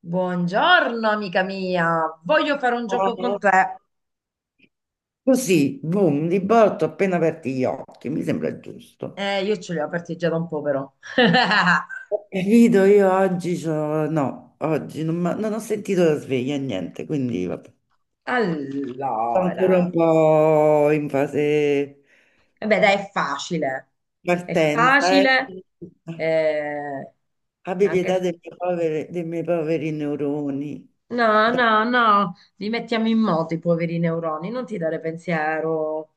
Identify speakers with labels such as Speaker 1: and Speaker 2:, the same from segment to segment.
Speaker 1: Buongiorno amica mia, voglio fare un gioco con te.
Speaker 2: Così, boom, di botto, appena aperti gli occhi, mi sembra giusto.
Speaker 1: Io ce li ho aperti già da un po', però.
Speaker 2: Capito, io oggi no, oggi non, non ho sentito la sveglia, niente, quindi vabbè. Sto ancora
Speaker 1: Allora,
Speaker 2: un po' in fase
Speaker 1: eh beh, dai, è facile. È
Speaker 2: partenza.
Speaker 1: facile.
Speaker 2: eh.
Speaker 1: eh,
Speaker 2: Abbi pietà
Speaker 1: anche...
Speaker 2: dei miei poveri neuroni.
Speaker 1: No,
Speaker 2: Dai,
Speaker 1: no, no, li mettiamo in moto i poveri neuroni, non ti dare pensiero.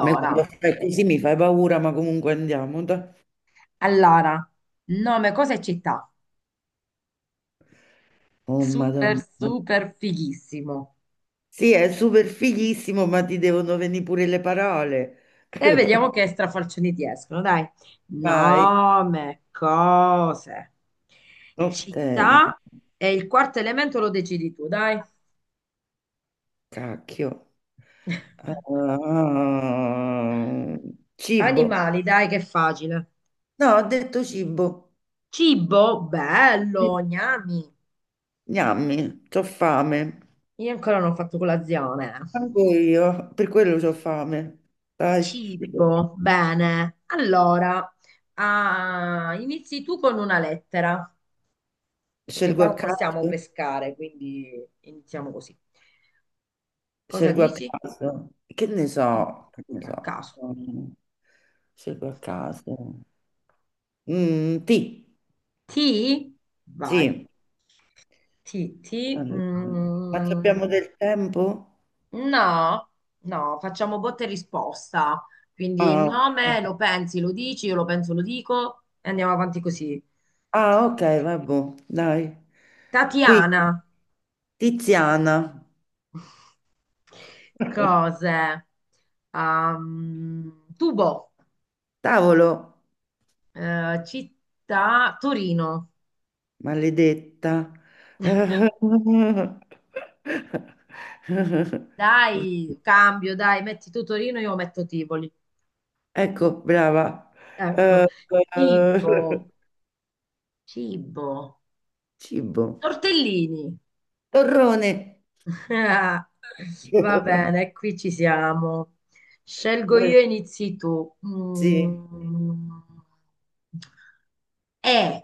Speaker 2: ma quando fai così mi fai paura, ma comunque andiamo. Dai.
Speaker 1: allora, nome, cosa e città?
Speaker 2: Oh,
Speaker 1: Super,
Speaker 2: Madonna.
Speaker 1: super fighissimo.
Speaker 2: Sì, è super fighissimo, ma ti devono venire pure le parole.
Speaker 1: E vediamo che strafalcioni ti escono, dai.
Speaker 2: Vai.
Speaker 1: Nome, cose,
Speaker 2: Hotel.
Speaker 1: città e il quarto elemento lo decidi tu, dai.
Speaker 2: Cacchio. Ah, cibo.
Speaker 1: Animali, dai, che è facile.
Speaker 2: No, ho detto cibo.
Speaker 1: Cibo, bello,
Speaker 2: Sì.
Speaker 1: gnami.
Speaker 2: Gnammi, c'ho fame.
Speaker 1: Io ancora non ho fatto colazione.
Speaker 2: Anche io, per quello c'ho fame. Dai,
Speaker 1: Cibo, bene. Allora, inizi tu con una lettera, perché
Speaker 2: scelgo
Speaker 1: qua
Speaker 2: a
Speaker 1: non possiamo
Speaker 2: caso,
Speaker 1: pescare, quindi iniziamo così. Cosa
Speaker 2: scelgo a
Speaker 1: dici?
Speaker 2: caso. Che ne
Speaker 1: Sì,
Speaker 2: so, che ne
Speaker 1: a
Speaker 2: so.
Speaker 1: caso.
Speaker 2: Mm, Scelgo a caso. Ti,
Speaker 1: Ti? Vai.
Speaker 2: sì.
Speaker 1: Ti, ti.
Speaker 2: Allora, ma ci
Speaker 1: mm,
Speaker 2: abbiamo del tempo?
Speaker 1: no, no, facciamo botta e risposta. Quindi il
Speaker 2: Ah,
Speaker 1: nome lo pensi, lo dici, io lo penso, lo dico e andiamo avanti così.
Speaker 2: Ok,
Speaker 1: Ti.
Speaker 2: vabbè, dai. Quindi,
Speaker 1: Tatiana.
Speaker 2: Tiziana,
Speaker 1: Cose. Tubo.
Speaker 2: cavolo,
Speaker 1: Città, Torino.
Speaker 2: maledetta.
Speaker 1: Dai, cambio, dai, metti tu Torino, io metto Tivoli.
Speaker 2: Ecco, brava.
Speaker 1: Ecco.
Speaker 2: Eh,
Speaker 1: Cibo.
Speaker 2: eh,
Speaker 1: Cibo.
Speaker 2: Cibo.
Speaker 1: Tortellini.
Speaker 2: Torrone.
Speaker 1: Va bene, qui ci siamo. Scelgo io e inizi tu.
Speaker 2: Sì.
Speaker 1: Mm. Eh,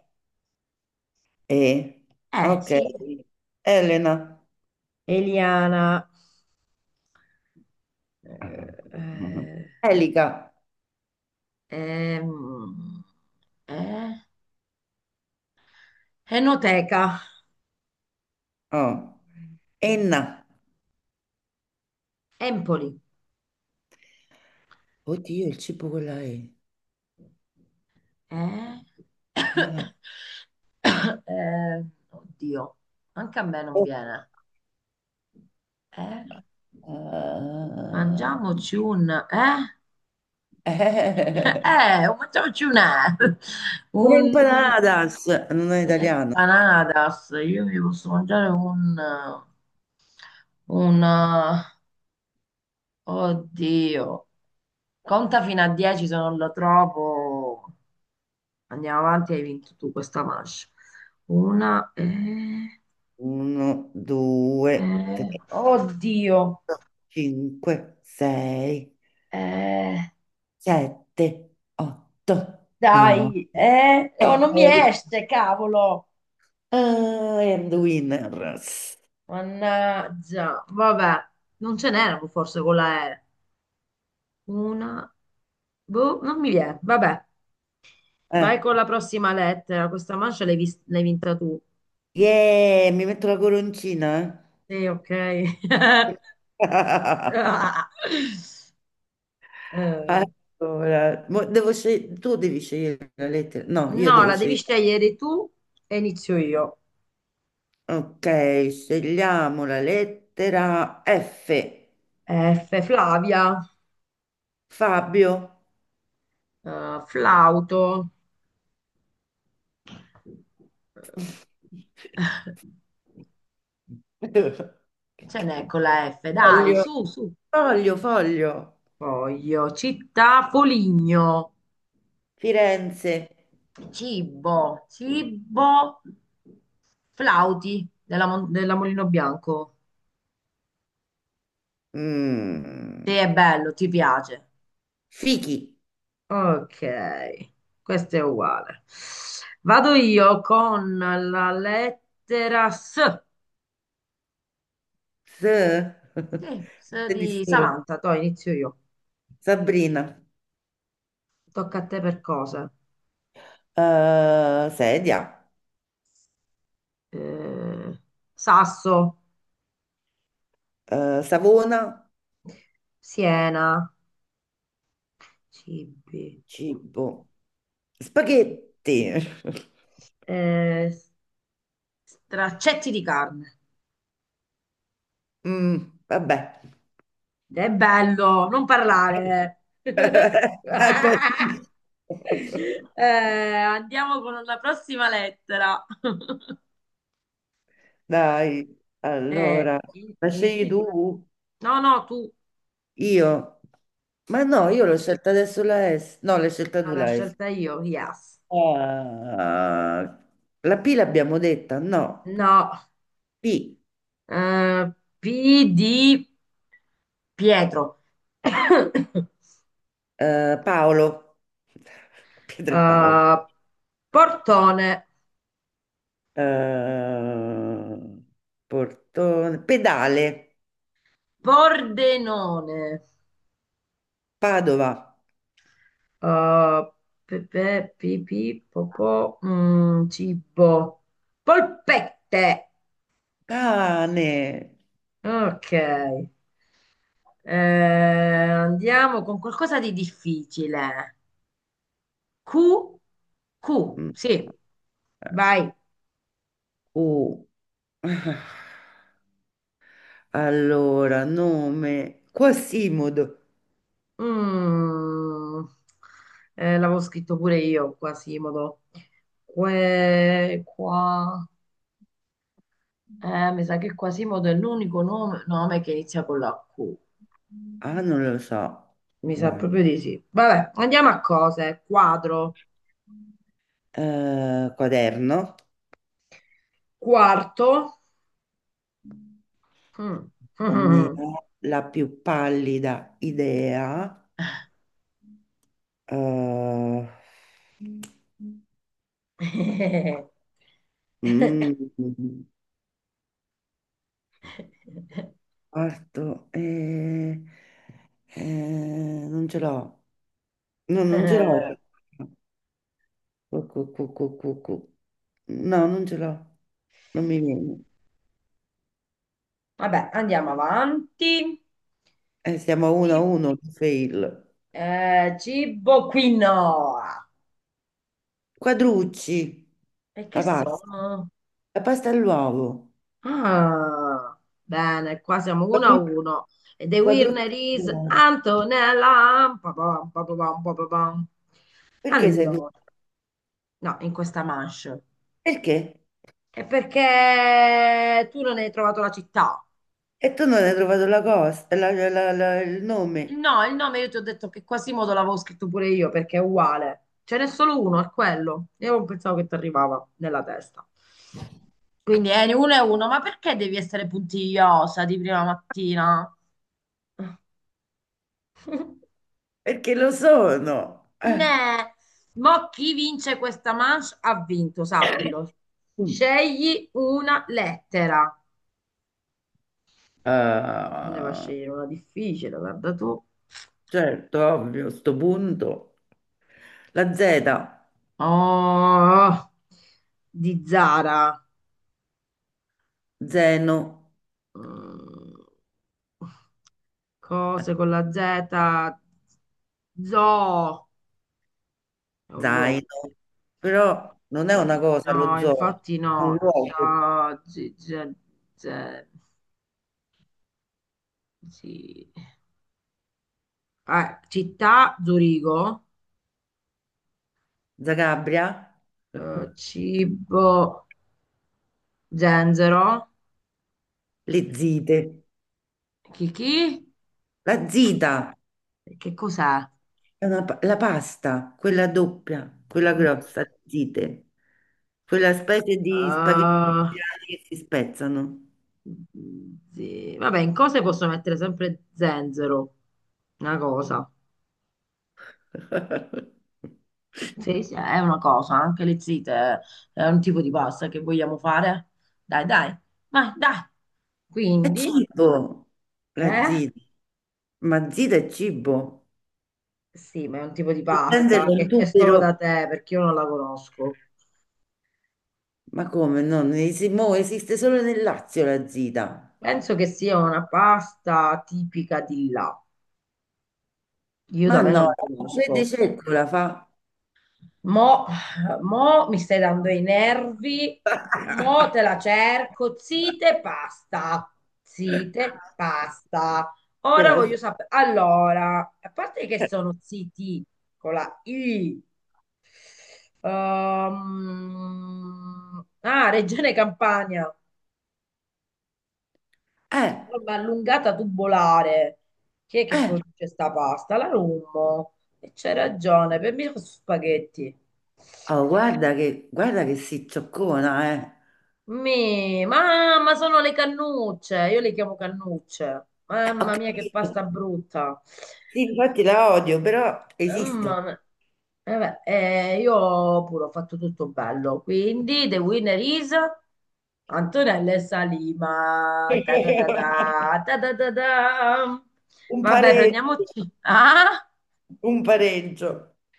Speaker 2: E, ok.
Speaker 1: sì.
Speaker 2: Elena.
Speaker 1: Eliana. Eh,
Speaker 2: Elica.
Speaker 1: ehm, eh, Enoteca.
Speaker 2: Oh. Enna.
Speaker 1: Empoli.
Speaker 2: Oddio, il cibo con la E.
Speaker 1: Eh?
Speaker 2: Eh,
Speaker 1: Eh, oddio, anche a me non
Speaker 2: oh,
Speaker 1: viene. Eh? Mangiamoci un... Eh?
Speaker 2: eh, eh.
Speaker 1: Mangiamoci
Speaker 2: Una
Speaker 1: un...
Speaker 2: empanadas, non è italiana.
Speaker 1: Un'empanadas. Io mi posso mangiare un... Un... Oddio. Conta fino a 10 se non lo trovo. Andiamo avanti, hai vinto tu questa manche. Una...
Speaker 2: Uno, due, tre,
Speaker 1: Oddio.
Speaker 2: cinque, sei,
Speaker 1: Eh,
Speaker 2: sette, otto, nove,
Speaker 1: dai. Oh, non mi
Speaker 2: dieci.
Speaker 1: esce, cavolo.
Speaker 2: Ah, I am the winner.
Speaker 1: Mannaggia, vabbè, non ce n'erano forse con la E. Una, boh, non mi viene. Vabbè, vai
Speaker 2: Eh.
Speaker 1: con la prossima lettera. Questa mancia l'hai vinta tu.
Speaker 2: Yeah, mi metto la coroncina.
Speaker 1: Sì, ok.
Speaker 2: Eh?
Speaker 1: Ah. Eh,
Speaker 2: Allora, tu devi scegliere la lettera. No, io
Speaker 1: no,
Speaker 2: devo
Speaker 1: la devi
Speaker 2: scegliere.
Speaker 1: scegliere tu e inizio io.
Speaker 2: Ok, scegliamo la lettera F.
Speaker 1: F, Flavia,
Speaker 2: Fabio.
Speaker 1: Flauto. Ce n'è con la F, dai,
Speaker 2: Voglio.
Speaker 1: su, su.
Speaker 2: Foglio, foglio.
Speaker 1: Poi io, città, Foligno.
Speaker 2: Firenze.
Speaker 1: Cibo, flauti della Mulino Bianco. Te è
Speaker 2: Mm,
Speaker 1: bello, ti piace.
Speaker 2: Fichi.
Speaker 1: Ok, questo è uguale. Vado io con la lettera S.
Speaker 2: S.
Speaker 1: Sì, S
Speaker 2: S di S.
Speaker 1: di Samantha, to inizio io.
Speaker 2: Sabrina.
Speaker 1: Tocca a te per cose.
Speaker 2: Sedia.
Speaker 1: Eh, Sasso,
Speaker 2: Savona.
Speaker 1: Siena, cibi,
Speaker 2: Cibo. Spaghetti.
Speaker 1: eh, straccetti di carne.
Speaker 2: Mm, Vabbè.
Speaker 1: È bello, non parlare.
Speaker 2: È bellissimo.
Speaker 1: Andiamo con la prossima lettera.
Speaker 2: Dai, allora, la scegli
Speaker 1: Inizi tu.
Speaker 2: tu?
Speaker 1: No, no, tu.
Speaker 2: Io? Ma no,
Speaker 1: Sì,
Speaker 2: io l'ho scelta adesso la S. No, l'hai scelta
Speaker 1: no,
Speaker 2: tu
Speaker 1: la
Speaker 2: la S.
Speaker 1: scelta io, yes.
Speaker 2: Ah, la P l'abbiamo detta, no?
Speaker 1: No,
Speaker 2: P,
Speaker 1: eh, P di Pietro.
Speaker 2: Paolo. Pietro e Paolo.
Speaker 1: Eh, Portone,
Speaker 2: Eh, Portone, pedale,
Speaker 1: Pordenone.
Speaker 2: Padova,
Speaker 1: Uh, pepe, pipì, popò, mm, cibo, polpette.
Speaker 2: cane.
Speaker 1: Ok. Andiamo con qualcosa di difficile. Q, Q,
Speaker 2: Mm,
Speaker 1: sì, vai.
Speaker 2: U. Allora, nome Quasimodo.
Speaker 1: Mm. L'avevo scritto pure io, Quasimodo. Que, qua. Mi sa che Quasimodo è l'unico nome che inizia con la Q.
Speaker 2: Ah, non lo so.
Speaker 1: Mi sa proprio
Speaker 2: Guarda.
Speaker 1: di sì. Vabbè, andiamo a cose. Quadro,
Speaker 2: Quaderno.
Speaker 1: quarto. Mm.
Speaker 2: Non ne ho la più pallida idea. Eh, mm, Parto. Non ce l'ho. No, non ce l'ho.
Speaker 1: Eh,
Speaker 2: Cu- cu- cu- cu- cu- cu. No, non ce l'ho. Non mi viene.
Speaker 1: Vabbè, andiamo avanti.
Speaker 2: Siamo a 1 a
Speaker 1: Ci-
Speaker 2: 1, fail.
Speaker 1: Cibo quinoa.
Speaker 2: Quadrucci,
Speaker 1: E che
Speaker 2: la pasta,
Speaker 1: sono?
Speaker 2: la pasta all'uovo.
Speaker 1: Ah, bene, qua siamo uno a
Speaker 2: Quadru-
Speaker 1: uno. E the winner
Speaker 2: Quadrucci,
Speaker 1: is
Speaker 2: all'uovo.
Speaker 1: Antonella. Pa-pam, pa-pam, pa-pam.
Speaker 2: Perché sei tu?
Speaker 1: Allora, no, in questa manche.
Speaker 2: Perché?
Speaker 1: È perché tu non hai trovato la città.
Speaker 2: E tu non hai trovato la cosa, il nome.
Speaker 1: No, il nome io ti ho detto che Quasimodo l'avevo scritto pure io perché è uguale. Ce n'è solo uno, è quello. Io non pensavo che ti arrivava nella testa. Quindi è uno e uno, ma perché devi essere puntigliosa di prima mattina?
Speaker 2: Perché lo sono.
Speaker 1: Ne, mo chi vince questa manche ha vinto, sappilo.
Speaker 2: Mm.
Speaker 1: Scegli una lettera. Non ne va a
Speaker 2: Ah,
Speaker 1: scegliere una difficile, guarda tu.
Speaker 2: certo, ovvio, sto punto. La Z,
Speaker 1: Oh, di Zara.
Speaker 2: zeno,
Speaker 1: Mm, cose con la Z. Zoo. È un luogo.
Speaker 2: zaino,
Speaker 1: Sì.
Speaker 2: però non è una cosa lo
Speaker 1: No,
Speaker 2: zoo,
Speaker 1: infatti
Speaker 2: è un
Speaker 1: no.
Speaker 2: luogo.
Speaker 1: Z- sì. Ah, città, Zurigo.
Speaker 2: Zagabria.
Speaker 1: Cibo, zenzero.
Speaker 2: Le zite,
Speaker 1: Chi chi?
Speaker 2: la zita,
Speaker 1: Che cos'è?
Speaker 2: è la pasta, quella doppia, quella
Speaker 1: Mm,
Speaker 2: grossa, zite, quella specie di spaghetti
Speaker 1: eh,
Speaker 2: siciliani che si spezzano.
Speaker 1: Sì. Vabbè, in cose posso mettere sempre zenzero, una cosa. Sì, sì, è una cosa, anche le zite è un tipo di pasta che vogliamo fare. Dai, dai, vai, dai.
Speaker 2: È
Speaker 1: Quindi,
Speaker 2: cibo, la
Speaker 1: eh?
Speaker 2: zita, ma zita è cibo.
Speaker 1: Sì, ma è un tipo di
Speaker 2: Il
Speaker 1: pasta
Speaker 2: Pensano è un
Speaker 1: che c'è solo
Speaker 2: tubero,
Speaker 1: da te perché io non la conosco.
Speaker 2: ma come no? Non mo esiste solo nel Lazio la zita.
Speaker 1: Penso che sia una pasta tipica di là. Io
Speaker 2: Ma
Speaker 1: da me non
Speaker 2: no,
Speaker 1: la
Speaker 2: la Fede
Speaker 1: conosco.
Speaker 2: Cecco la fa.
Speaker 1: Mo, mo mi stai dando i nervi, mo te la cerco, zite, pasta,
Speaker 2: Te
Speaker 1: zite, pasta. Ora
Speaker 2: la-
Speaker 1: voglio sapere, allora, a parte che sono ziti con la I, Regione Campania,
Speaker 2: Eh,
Speaker 1: forma allungata tubolare, chi è che
Speaker 2: eh,
Speaker 1: produce sta pasta? La Rummo, e c'è ragione, per me sono spaghetti.
Speaker 2: oh, Guarda che, guarda che si zoccona, eh.
Speaker 1: Mi, mamma, sono le cannucce. Io le chiamo cannucce.
Speaker 2: Ho
Speaker 1: Mamma mia, che pasta
Speaker 2: capito.
Speaker 1: brutta.
Speaker 2: Sì, infatti la odio, però
Speaker 1: Mamma
Speaker 2: esiste.
Speaker 1: mia. Eh beh, io pure ho fatto tutto bello. Quindi, the winner is Antonella e Salima. Ta ta ta ta, ta ta ta ta.
Speaker 2: Un
Speaker 1: Vabbè,
Speaker 2: pareggio,
Speaker 1: prendiamoci. Ah?
Speaker 2: un pareggio.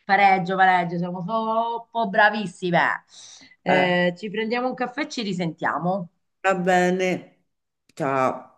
Speaker 1: Pareggio, pareggio, siamo troppo bravissime.
Speaker 2: Eh,
Speaker 1: Ci prendiamo un caffè e ci risentiamo.
Speaker 2: Va bene. Ciao.